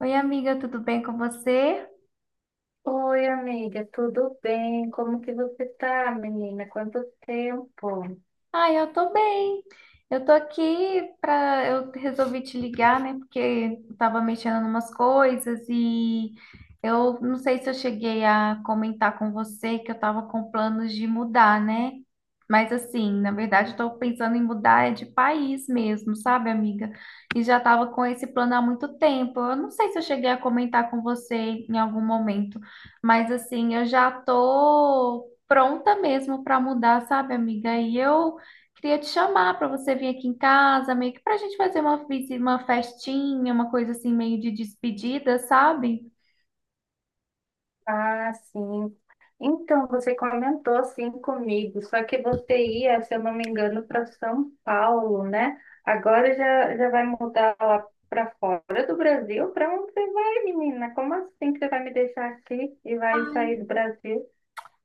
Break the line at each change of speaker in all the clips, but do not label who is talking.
Oi, amiga, tudo bem com você?
Oi, amiga, tudo bem? Como que você tá, menina? Quanto tempo?
Ai, eu tô bem. Eu tô aqui pra. Eu resolvi te ligar, né? Porque eu tava mexendo em umas coisas e eu não sei se eu cheguei a comentar com você que eu tava com planos de mudar, né? Mas assim, na verdade, eu tô pensando em mudar é de país mesmo, sabe, amiga? E já tava com esse plano há muito tempo. Eu não sei se eu cheguei a comentar com você em algum momento, mas assim, eu já tô pronta mesmo pra mudar, sabe, amiga? E eu queria te chamar para você vir aqui em casa, meio que para a gente fazer uma festinha, uma coisa assim, meio de despedida, sabe?
Ah, sim. Então, você comentou assim comigo, só que você ia, se eu não me engano, para São Paulo, né? Agora já vai mudar lá para fora do Brasil? Para onde você vai, menina? Como assim que você vai me deixar aqui e vai sair do Brasil?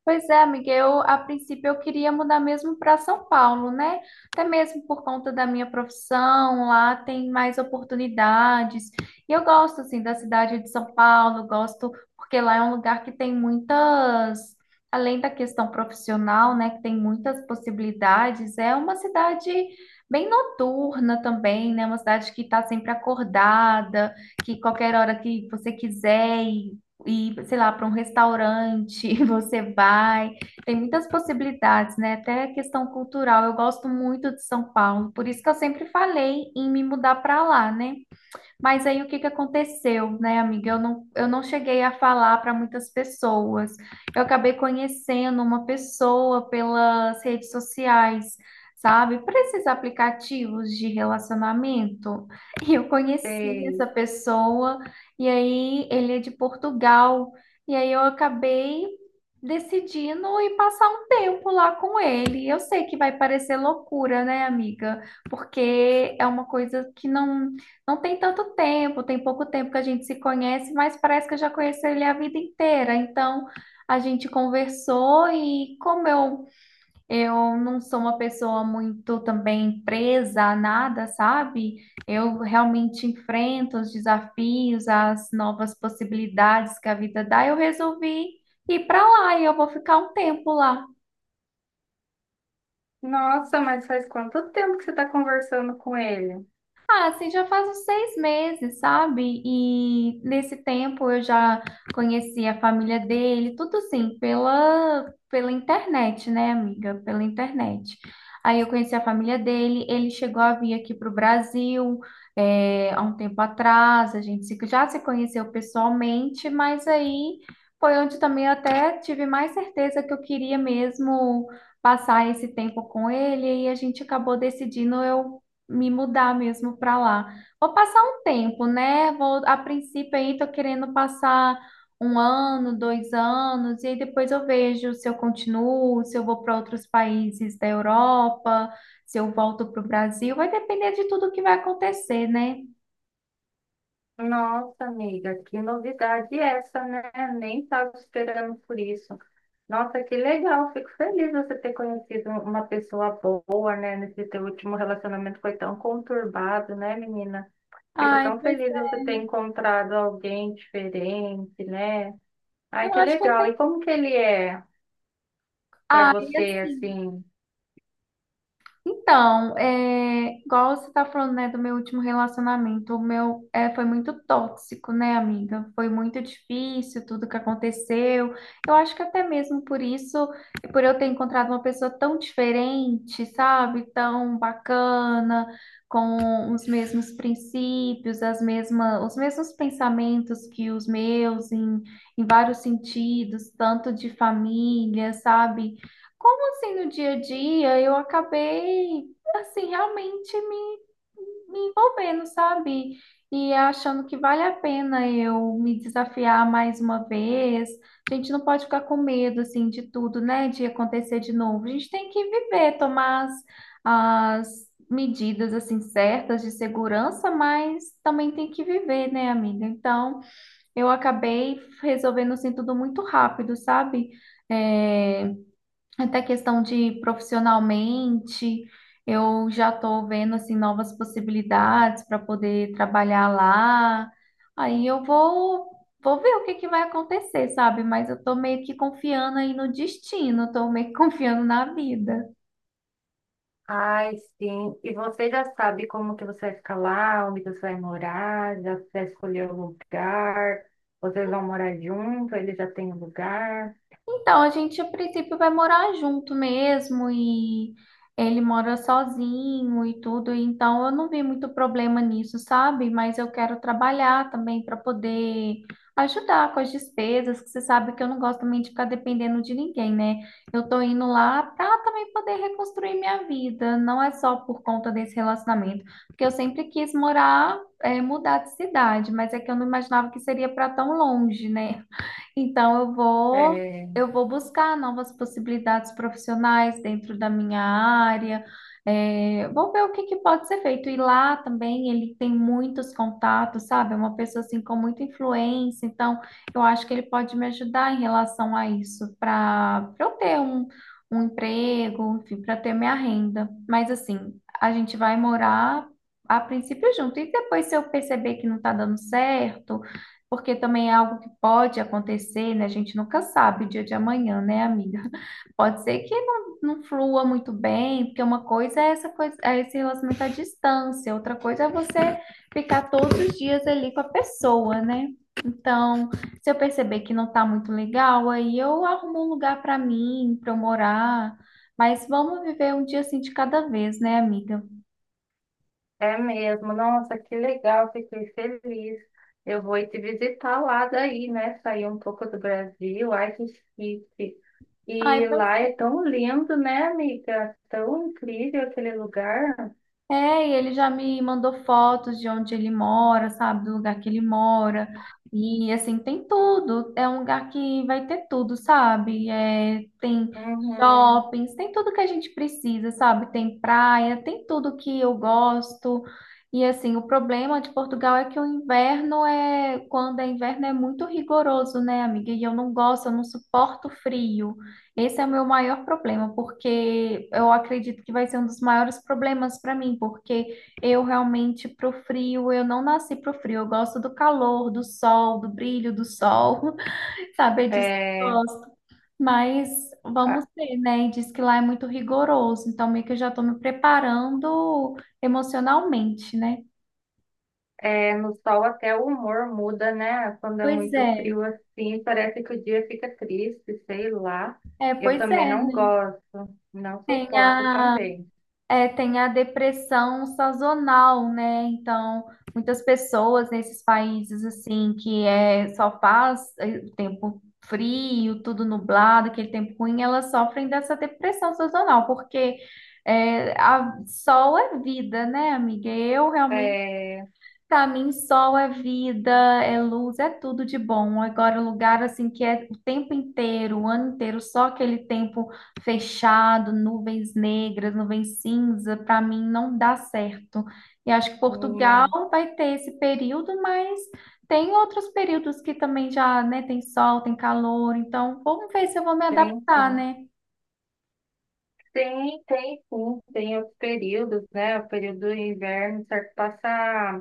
Pois é, amiga, eu a princípio eu queria mudar mesmo para São Paulo, né? Até mesmo por conta da minha profissão, lá tem mais oportunidades. E eu gosto assim da cidade de São Paulo, gosto porque lá é um lugar que além da questão profissional, né, que tem muitas possibilidades, é uma cidade bem noturna também, né? Uma cidade que está sempre acordada, que qualquer hora que você quiser ir, sei lá, para um restaurante, você vai. Tem muitas possibilidades, né? Até questão cultural. Eu gosto muito de São Paulo, por isso que eu sempre falei em me mudar para lá, né? Mas aí o que que aconteceu, né, amiga? Eu não cheguei a falar para muitas pessoas. Eu acabei conhecendo uma pessoa pelas redes sociais, sabe? Por esses aplicativos de relacionamento. E eu conheci essa
Sei.
pessoa, e aí ele é de Portugal. E aí eu acabei decidindo ir passar um tempo lá com ele. Eu sei que vai parecer loucura, né, amiga? Porque é uma coisa que não tem tanto tempo, tem pouco tempo que a gente se conhece, mas parece que eu já conheço ele a vida inteira. Então, a gente conversou e como eu não sou uma pessoa muito também presa a nada, sabe? Eu realmente enfrento os desafios, as novas possibilidades que a vida dá. Eu resolvi ir para lá e eu vou ficar um tempo lá.
Nossa, mas faz quanto tempo que você está conversando com ele?
Ah, assim, já faz uns 6 meses, sabe? E nesse tempo eu já conheci a família dele, tudo assim, pela internet, né, amiga? Pela internet. Aí eu conheci a família dele, ele chegou a vir aqui para o Brasil, há um tempo atrás, a gente já se conheceu pessoalmente, mas aí foi onde também eu até tive mais certeza que eu queria mesmo passar esse tempo com ele, e a gente acabou decidindo eu me mudar mesmo para lá. Vou passar um tempo, né? Vou, a princípio aí tô querendo passar um ano, 2 anos, e aí depois eu vejo se eu continuo, se eu vou para outros países da Europa, se eu volto para o Brasil. Vai depender de tudo que vai acontecer, né?
Nossa, amiga, que novidade essa, né? Nem estava esperando por isso. Nossa, que legal, fico feliz você ter conhecido uma pessoa boa, né? Nesse teu último relacionamento foi tão conturbado, né, menina? Fico
Ai,
tão
pois
feliz de você ter encontrado alguém diferente, né?
é.
Ai,
Eu
que
acho que
legal. E
até.
como que ele é para
Ai,
você,
assim.
assim?
Então, é, igual você tá falando, né, do meu último relacionamento, foi muito tóxico, né, amiga? Foi muito difícil tudo que aconteceu. Eu acho que até mesmo por isso, por eu ter encontrado uma pessoa tão diferente, sabe? Tão bacana, com os mesmos princípios, os mesmos pensamentos que os meus, em vários sentidos, tanto de família, sabe? Como assim no dia a dia eu acabei assim realmente me envolvendo, sabe? E achando que vale a pena eu me desafiar mais uma vez. A gente não pode ficar com medo assim de tudo, né? De acontecer de novo. A gente tem que viver, tomar as medidas assim certas de segurança, mas também tem que viver, né, amiga? Então, eu acabei resolvendo assim tudo muito rápido, sabe? É, até questão de profissionalmente, eu já estou vendo assim novas possibilidades para poder trabalhar lá. Aí eu vou ver o que que vai acontecer, sabe? Mas eu tô meio que confiando aí no destino, tô meio que confiando na vida.
Ai, sim. E você já sabe como que você vai ficar lá, onde você vai morar, já você escolheu o lugar, vocês vão morar junto, ele já tem o lugar.
Então, a gente a princípio vai morar junto mesmo e ele mora sozinho e tudo, então eu não vi muito problema nisso, sabe? Mas eu quero trabalhar também para poder ajudar com as despesas, que você sabe que eu não gosto também de ficar dependendo de ninguém, né? Eu tô indo lá para também poder reconstruir minha vida, não é só por conta desse relacionamento, porque eu sempre quis morar, mudar de cidade, mas é que eu não imaginava que seria para tão longe, né? Então eu vou
É,
eu vou buscar novas possibilidades profissionais dentro da minha área. É, vou ver o que que pode ser feito. E lá também ele tem muitos contatos, sabe? É uma pessoa assim com muita influência. Então, eu acho que ele pode me ajudar em relação a isso, para eu ter um emprego, enfim, para ter minha renda. Mas assim, a gente vai morar a princípio junto. E depois, se eu perceber que não está dando certo, porque também é algo que pode acontecer, né? A gente nunca sabe o dia de amanhã, né, amiga? Pode ser que não flua muito bem, porque uma coisa é esse relacionamento à distância, outra coisa é você ficar todos os dias ali com a pessoa, né? Então, se eu perceber que não tá muito legal, aí eu arrumo um lugar para mim, para eu morar. Mas vamos viver um dia assim de cada vez, né, amiga?
é mesmo. Nossa, que legal, fiquei feliz. Eu vou ir te visitar lá daí, né? Sair um pouco do Brasil. Ai, que chique.
Ai,
E lá é tão lindo, né, amiga? Tão incrível aquele lugar.
é, e ele já me mandou fotos de onde ele mora, sabe, do lugar que ele mora. E assim, tem tudo. É um lugar que vai ter tudo, sabe? É, tem
Uhum.
shoppings, tem tudo que a gente precisa, sabe? Tem praia, tem tudo que eu gosto. E assim, o problema de Portugal é que o inverno é, quando é inverno é muito rigoroso, né, amiga? E eu não gosto, eu não suporto frio. Esse é o meu maior problema, porque eu acredito que vai ser um dos maiores problemas para mim, porque eu realmente pro frio, eu não nasci pro frio, eu gosto do calor, do sol, do brilho do sol, sabe? É disso que eu
É,
gosto. Mas vamos ver, né? E diz que lá é muito rigoroso, então meio que eu já estou me preparando emocionalmente, né?
é, no sol até o humor muda, né? Quando é
Pois
muito
é,
frio assim, parece que o dia fica triste, sei lá.
é,
Eu
pois
também
é,
não
né?
gosto, não
Tem
suporto
a
também.
É, tem a depressão sazonal, né? Então, muitas pessoas nesses países assim que é só faz o tempo frio, tudo nublado, aquele tempo ruim, elas sofrem dessa depressão sazonal, porque é, sol é vida, né, amiga? Eu realmente
É,
para mim, sol é vida, é luz, é tudo de bom. Agora, um lugar assim que é o tempo inteiro, o ano inteiro, só aquele tempo fechado, nuvens negras, nuvens cinza, para mim não dá certo. E acho que Portugal
não,
vai ter esse período, mas tem outros períodos que também já, né, tem sol, tem calor. Então, vamos ver se eu vou me
tem,
adaptar,
tem,
né?
tem, tem, sim, tem os períodos, né? O período do inverno, certo? Passa.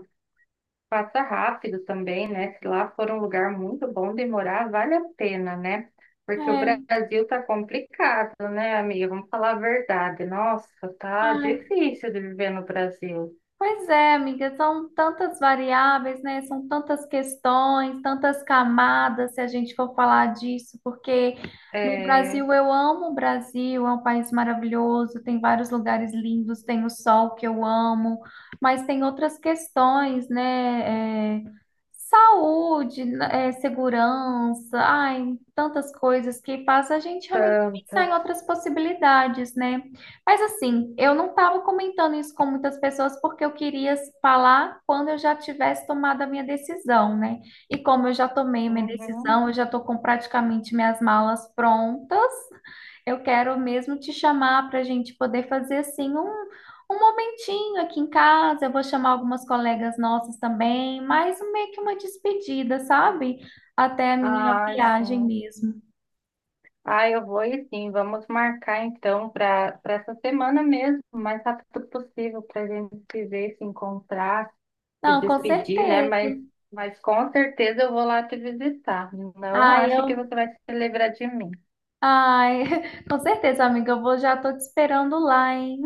Passa rápido também, né? Se lá for um lugar muito bom de morar, vale a pena, né? Porque o
É,
Brasil tá complicado, né, amiga? Vamos falar a verdade. Nossa, tá
ai,
difícil de viver no Brasil.
pois é, amiga, são tantas variáveis, né? São tantas questões, tantas camadas, se a gente for falar disso, porque no
É,
Brasil eu amo o Brasil, é um país maravilhoso, tem vários lugares lindos, tem o sol que eu amo, mas tem outras questões, né? É, saúde, né, é, segurança, ai, tantas coisas que faz a gente realmente pensar em
tantas.
outras possibilidades, né? Mas assim, eu não estava comentando isso com muitas pessoas porque eu queria falar quando eu já tivesse tomado a minha decisão, né? E como eu já tomei a minha
Uhum.
decisão, eu já estou com praticamente minhas malas prontas, eu quero mesmo te chamar para a gente poder fazer assim um momentinho aqui em casa. Eu vou chamar algumas colegas nossas também, mais meio que uma despedida, sabe? Até a minha
Ai,
viagem
sim.
mesmo.
Ai, eu vou e sim. Vamos marcar então para essa semana mesmo, o mais rápido possível, para a gente se ver, se encontrar, se
Não, com
despedir, né?
certeza.
Mas com certeza eu vou lá te visitar. Não
Ah,
ache que
eu
você vai se lembrar de mim.
Ai, com certeza, amiga, eu vou, já tô te esperando lá, hein?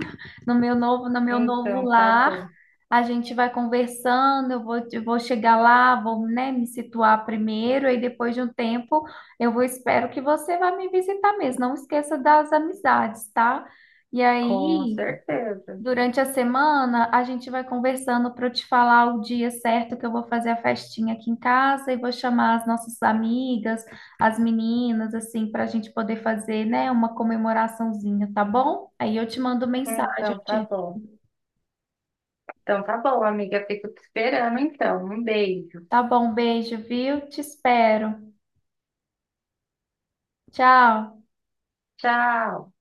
No meu novo, no meu novo
Então, tá
lar.
bom.
A gente vai conversando, eu vou chegar lá, vou, né, me situar primeiro, e depois de um tempo eu vou, espero que você vá me visitar mesmo. Não esqueça das amizades, tá? E
Com
aí,
certeza.
durante a semana, a gente vai conversando para eu te falar o dia certo que eu vou fazer a festinha aqui em casa e vou chamar as nossas amigas, as meninas, assim, para a gente poder fazer, né, uma comemoraçãozinha, tá bom? Aí eu te mando mensagem.
Então, tá bom. Então, tá bom, amiga. Fico te esperando, então. Um beijo.
Tá bom, beijo, viu? Te espero. Tchau.
Tchau.